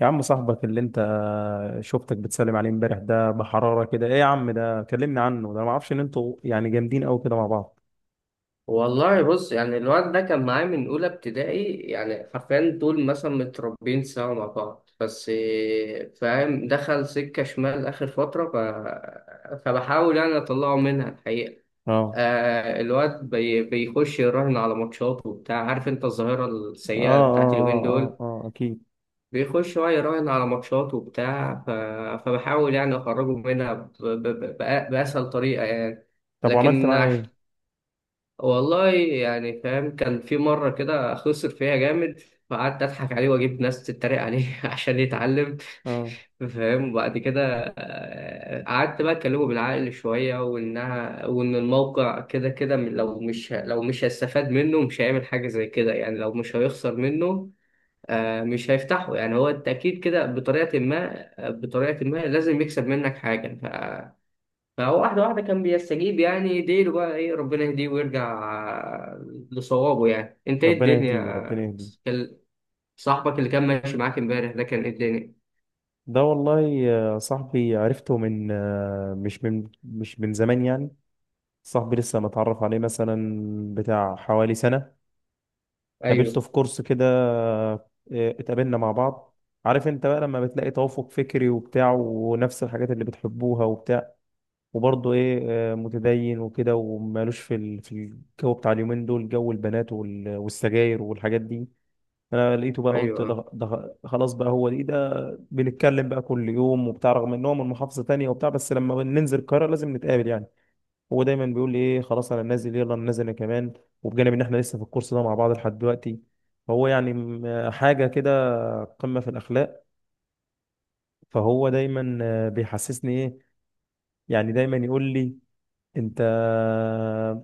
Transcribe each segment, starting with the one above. يا عم، صاحبك اللي انت شفتك بتسلم عليه امبارح ده بحرارة كده ايه؟ يا عم، ده كلمني عنه، ده ما اعرفش ان انتوا يعني جامدين قوي كده مع بعض. والله بص يعني الواد ده كان معايا من أولى ابتدائي. يعني حرفيا دول مثلا متربيين سوا مع بعض. بس إيه، فاهم، دخل سكة شمال آخر فترة فبحاول يعني أطلعه منها الحقيقة. اه الواد بيخش يراهن على ماتشات وبتاع. عارف أنت الظاهرة اه السيئة بتاعت اه اليومين اه دول. اه، آه اكيد. بيخش بقى يراهن على ماتشات وبتاع فبحاول يعني أخرجه منها بأسهل طريقة يعني. طب وعملت لكن معاه عشان ايه؟ والله يعني فاهم كان في مرة كده خسر فيها جامد، فقعدت أضحك عليه وأجيب ناس تتريق عليه عشان يتعلم. اه، فاهم؟ وبعد كده قعدت بقى أكلمه بالعقل شوية، وإنها وإن الموقع كده كده لو مش هيستفاد منه مش هيعمل حاجة زي كده، يعني لو مش هيخسر منه مش هيفتحه. يعني هو أنت أكيد كده بطريقة ما بطريقة ما لازم يكسب منك حاجة. فهو واحدة واحدة كان بيستجيب، يعني يديله بقى إيه، ربنا يهديه ويرجع لصوابه. يعني أنت إيه ربنا الدنيا؟ يهديه ربنا يهديه. كان صاحبك اللي كان ماشي معاك إمبارح ده كان إيه الدنيا؟ ده والله يا صاحبي عرفته من مش من زمان يعني. صاحبي لسه متعرف عليه مثلا بتاع حوالي سنة. أيوه قابلته في كورس كده، إيه، اتقابلنا مع بعض. عارف انت بقى لما بتلاقي توافق فكري وبتاع ونفس الحاجات اللي بتحبوها وبتاع وبرضه ايه، متدين وكده ومالوش في الجو بتاع اليومين دول، جو البنات والسجاير والحاجات دي. انا لقيته بقى قلت أيوه. لا، ده خلاص بقى، هو دي ده. بنتكلم بقى كل يوم وبتاع رغم ان هو من محافظة تانية وبتاع بس لما ننزل القاهرة لازم نتقابل يعني. هو دايما بيقول لي ايه، خلاص انا نازل، يلا انا نازل انا كمان. وبجانب ان احنا لسه في الكورس ده مع بعض لحد دلوقتي، فهو يعني حاجه كده، قمه في الاخلاق. فهو دايما بيحسسني ايه، يعني دايما يقول لي انت،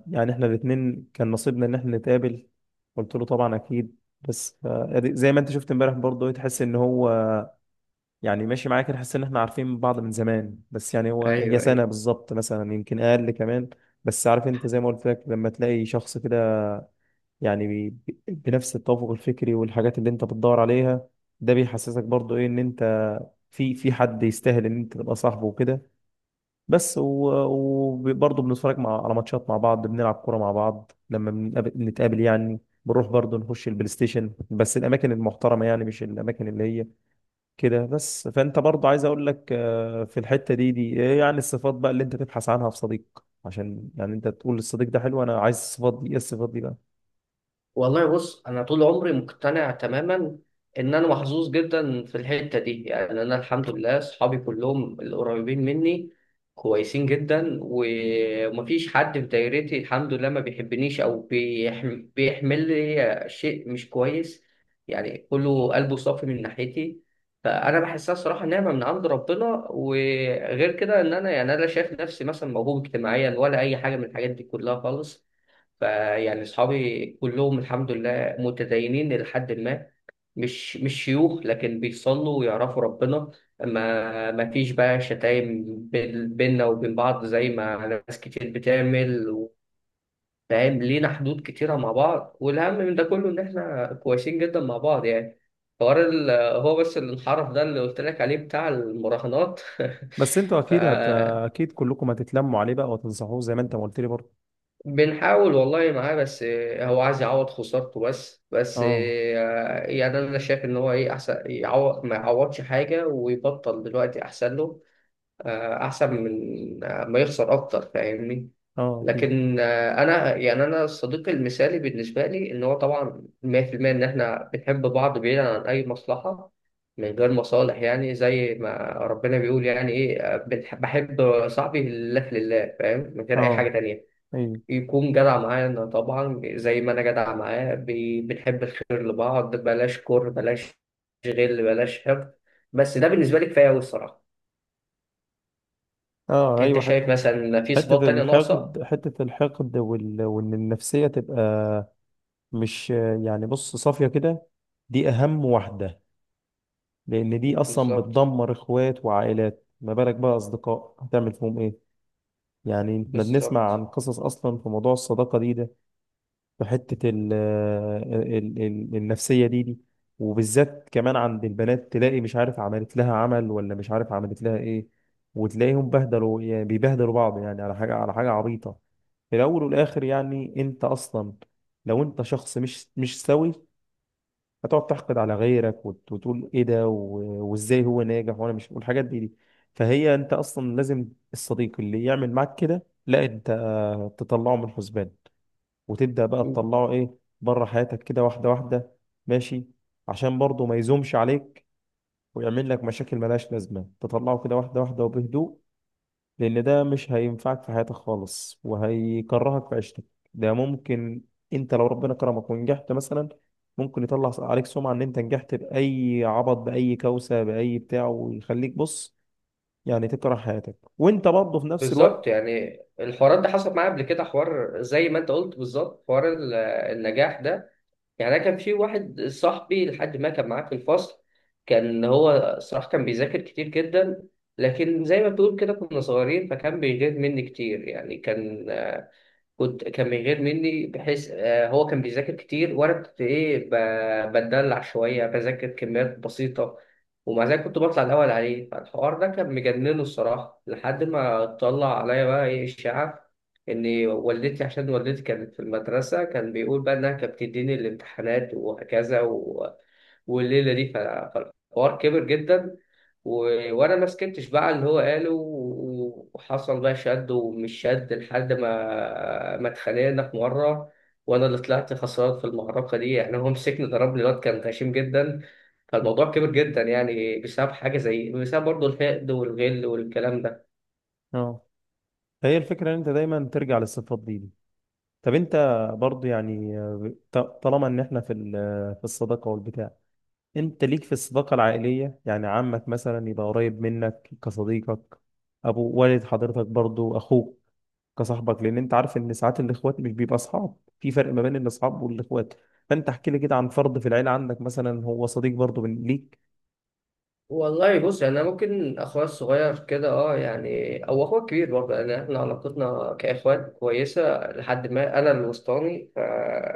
يعني احنا الاثنين كان نصيبنا ان احنا نتقابل. قلت له طبعا اكيد. بس ف- زي ما انت شفت امبارح برضه، تحس ان هو يعني ماشي معايا كده، تحس ان احنا عارفين بعض من زمان، بس يعني هو هي أيوه سنه أيوه. بالظبط مثلا يمكن اقل كمان. بس عارف انت زي ما قلت لك لما تلاقي شخص كده، يعني بنفس التوافق الفكري والحاجات اللي انت بتدور عليها، ده بيحسسك برضو ايه، ان انت في حد يستاهل ان انت تبقى صاحبه وكده. بس وبرضه بنتفرج مع على ماتشات مع بعض، بنلعب كوره مع بعض لما بنتقابل يعني، بنروح برضه نخش البلاي ستيشن، بس الاماكن المحترمه يعني مش الاماكن اللي هي كده. بس فانت برضه عايز اقول لك، في الحته دي إيه يعني، الصفات بقى اللي انت تبحث عنها في صديق عشان يعني انت تقول الصديق ده حلو، انا عايز الصفات دي، ايه الصفات دي بقى؟ والله بص، انا طول عمري مقتنع تماما ان انا محظوظ جدا في الحته دي. يعني انا الحمد لله اصحابي كلهم القريبين مني كويسين جدا، ومفيش حد في دايرتي الحمد لله ما بيحبنيش او بيحمل لي شيء مش كويس. يعني كله قلبه صافي من ناحيتي، فانا بحسها صراحه نعمه من عند ربنا. وغير كده ان انا يعني انا لا شايف نفسي مثلا موهوب اجتماعيا ولا اي حاجه من الحاجات دي كلها خالص. فيعني أصحابي كلهم الحمد لله متدينين إلى حد ما، مش شيوخ لكن بيصلوا ويعرفوا ربنا. ما فيش بقى شتايم بيننا وبين بعض زي ما ناس كتير بتعمل. فاهم؟ لينا حدود كتيرة مع بعض، والأهم من ده كله إن إحنا كويسين جدا مع بعض. يعني حوار ال- هو بس الانحراف ده اللي قلت لك عليه بتاع المراهنات بس انتوا ف اكيد اكيد كلكم هتتلموا عليه بقى وتنصحوه زي ما انت ما قلت لي برضه. بنحاول والله معاه. بس هو عايز يعوض خسارته، بس بس اه. يعني انا شايف ان هو ايه، احسن يعوض ما يعوضش حاجه ويبطل دلوقتي احسن له. احسن من ما يخسر اكتر. فاهمني؟ اه اكيد. لكن انا يعني انا صديقي المثالي بالنسبه لي ان هو طبعا 100% ان احنا بنحب بعض بعيدا عن اي مصلحه، من غير مصالح. يعني زي ما ربنا بيقول، يعني ايه، بحب صاحبي لله في لله. فاهم؟ من غير اي حاجه اه تانية. ايوه. يكون جدع معانا طبعا زي ما انا جدع معاه، بنحب الخير لبعض، بلاش كره، بلاش غل، بلاش حقد. بس ده بالنسبه لي كفايه قوي الصراحه. اه انت ايوه، شايف مثلا في صفات حته تانية ناقصه؟ الحقد، حته الحقد وان النفسيه تبقى مش، يعني بص، صافيه كده. دي اهم واحده، لان دي اصلا بالظبط. بتدمر اخوات وعائلات، ما بالك بقى اصدقاء هتعمل فيهم ايه. يعني احنا بنسمع بالظبط. عن قصص اصلا في موضوع الصداقه دي ده، في حتة ال النفسية دي، وبالذات كمان عند البنات تلاقي مش عارف عملت لها عمل ولا مش عارف عملت لها ايه، وتلاقيهم يعني بيبهدلوا بعض يعني على حاجة عبيطة. في الأول والآخر يعني أنت أصلا لو أنت شخص مش سوي هتقعد تحقد على غيرك وتقول ايه ده وازاي هو ناجح وانا مش والحاجات دي. فهي انت اصلا لازم، الصديق اللي يعمل معاك كده لا انت تطلعه من الحسبان، وتبدأ بقى تطلعه ايه، بره حياتك كده واحدة واحدة، ماشي، عشان برضه ما يزومش عليك ويعمل لك مشاكل ملهاش لازمة، تطلعه كده واحدة واحدة وبهدوء، لأن ده مش هينفعك في حياتك خالص وهيكرهك في عيشتك. ده ممكن، انت لو ربنا كرمك ونجحت مثلا، ممكن يطلع عليك سمعة ان انت نجحت بأي عبط، بأي كوسة، بأي بتاع، ويخليك بص، يعني تكره حياتك وانت برضه في نفس بالظبط، الوقت. يعني الحوارات ده حصلت معايا قبل كده. حوار زي ما انت قلت بالظبط، النجاح ده. يعني انا كان في واحد صاحبي لحد ما كان معاه في الفصل. كان هو صراحة كان بيذاكر كتير جدا. لكن زي ما بتقول كده كنا صغيرين، فكان بيغير مني كتير. يعني كان من غير مني بحيث هو كان بيذاكر كتير وانا كنت ايه بتدلع شويه، بذاكر كميات بسيطه، ومع ذلك كنت بطلع الاول عليه. فالحوار ده كان مجننه الصراحه لحد ما طلع عليا بقى ايه، اشاعه ان والدتي، عشان والدتي كانت في المدرسه، كان بيقول بقى انها كانت بتديني الامتحانات وهكذا والليله دي فالحوار كبر جدا. وانا ما سكتش بقى على اللي هو قاله، وحصل بقى شد ومش شد لحد ما اتخانقنا في مره، وانا اللي طلعت خسران في المعركه دي. يعني هو مسكني ضربني، الواد كان غشيم جدا. فالموضوع كبر جدا يعني بسبب حاجه زي، بسبب برضه الحقد والغل والكلام ده. اه. فهي الفكرة ان انت دايما ترجع للصفات دي. طب انت برضو يعني طالما ان احنا في الصداقه والبتاع، انت ليك في الصداقه العائليه يعني عمك مثلا يبقى قريب منك كصديقك، ابو، والد حضرتك برضو، اخوك كصاحبك، لان انت عارف ان ساعات الاخوات مش بيبقى اصحاب، في فرق ما بين الاصحاب والاخوات. فانت احكي لي كده عن فرد في العيله عندك مثلا هو صديق برضو من ليك. والله بص يعني انا ممكن اخويا الصغير كده اه يعني، او اخويا الكبير برضه. يعني احنا علاقتنا كاخوات كويسه لحد ما انا الوسطاني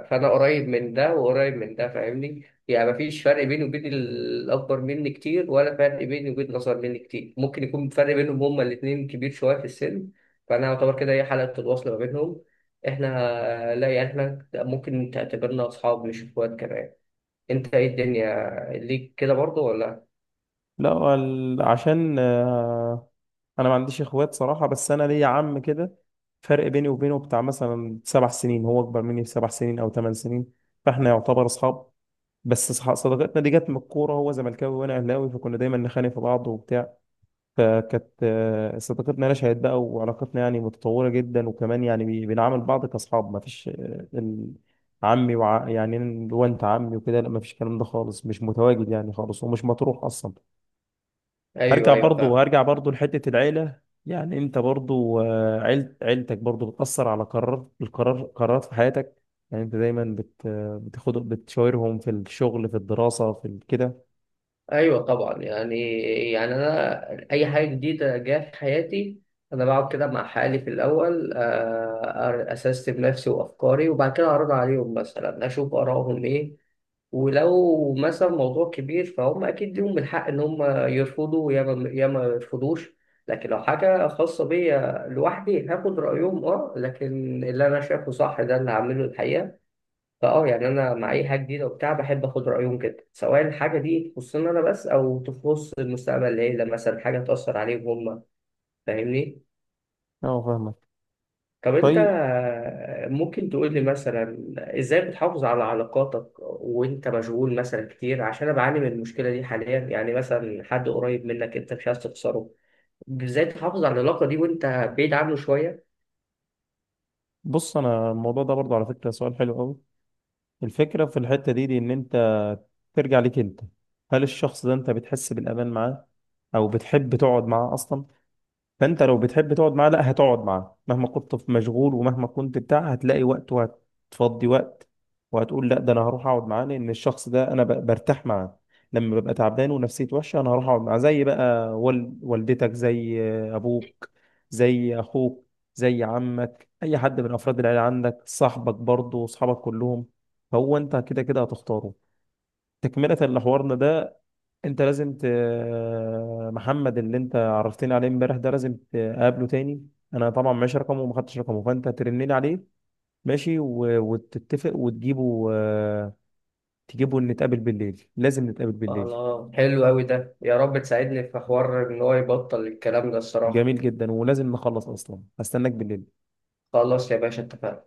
فانا قريب من ده وقريب من ده. فاهمني؟ يعني مفيش فرق بيني وبين الاكبر مني كتير، ولا فرق بيني وبين الاصغر مني كتير. ممكن يكون فرق بينهم هما الاثنين كبير شويه في السن. فانا اعتبر كده هي حلقه الوصل ما بينهم. احنا لا، يعني احنا ممكن تعتبرنا اصحاب مش اخوات كمان. انت ايه الدنيا ليك كده برضه ولا؟ لا عشان انا ما عنديش اخوات صراحه، بس انا ليا عم كده، فرق بيني وبينه بتاع مثلا 7 سنين، هو اكبر مني ب7 سنين او 8 سنين، فاحنا يعتبر اصحاب. بس صداقتنا دي جت من الكوره، هو زملكاوي وانا اهلاوي، فكنا دايما نخانق في بعض وبتاع. فكانت صداقتنا نشأت بقى، وعلاقتنا يعني متطوره جدا، وكمان يعني بنعامل بعض كاصحاب، ما فيش ال- عمي يعني اللي هو انت عمي وكده، لا ما فيش، الكلام ده خالص مش متواجد يعني خالص ومش مطروح اصلا. هرجع ايوه ايوه برضو فاهم. هرجع برضو لحتة العيلة يعني، انت برضو عيلتك برضو بتأثر على قرارات في حياتك يعني، انت دايما بت بتاخد بتشاورهم في الشغل، في الدراسة، كده. ايوه طبعا. يعني انا اي حاجه جديده جايه في حياتي، انا بقعد كده مع حالي في الاول، اسستم نفسي وافكاري، وبعد كده اعرض عليهم مثلا، اشوف ارائهم ايه. ولو مثلا موضوع كبير فهم اكيد ليهم الحق ان هم يرفضوا يا ما يرفضوش. لكن لو حاجه خاصه بيا لوحدي هاخد رايهم، اه، لكن اللي انا شايفه صح ده اللي هعمله الحقيقه. فاه يعني انا مع اي حاجه جديده وبتاع بحب اخد رايهم كده، سواء الحاجه دي تخصني انا بس او تخص المستقبل، العيله مثلا حاجه تاثر عليهم هم. فاهمني؟ اه فاهمك. طب انت طيب، ممكن تقول لي مثلا، ازاي بتحافظ على علاقاتك وانت مشغول مثلا كتير؟ عشان انا بعاني من المشكله دي حاليا. يعني مثلا حد قريب منك انت مش عايز تخسره، ازاي تحافظ على العلاقه دي وانت بعيد عنه شويه؟ بص انا الموضوع ده برضو على فكرة سؤال حلو قوي. الفكرة في الحتة دي ان انت ترجع ليك انت، هل الشخص ده انت بتحس بالأمان معاه او بتحب تقعد معاه اصلا؟ فانت لو بتحب تقعد معاه، لا هتقعد معاه مهما كنت في مشغول ومهما كنت بتاع، هتلاقي وقت وهتفضي وقت وهتقول لا ده انا هروح اقعد معاه لان الشخص ده انا برتاح معاه، لما ببقى تعبان ونفسيتي وحشه انا هروح اقعد معاه. زي بقى والدتك، زي ابوك، زي اخوك، زي عمك، اي حد من افراد العيله عندك صاحبك برضه، واصحابك كلهم. فهو انت كده كده هتختاره. تكمله لحوارنا ده، انت لازم محمد اللي انت عرفتني عليه امبارح ده لازم تقابله تاني. انا طبعا معيش رقمه وما خدتش رقمه، فانت هترن لي عليه، ماشي، وتتفق وتجيبه آه، تجيبه نتقابل بالليل، لازم نتقابل بالليل. الله، حلو قوي ده. يا رب تساعدني في حوار ان هو يبطل الكلام ده الصراحه. جميل جدا ولازم نخلص اصلا، هستناك بالليل. خلاص يا باشا، اتفقنا.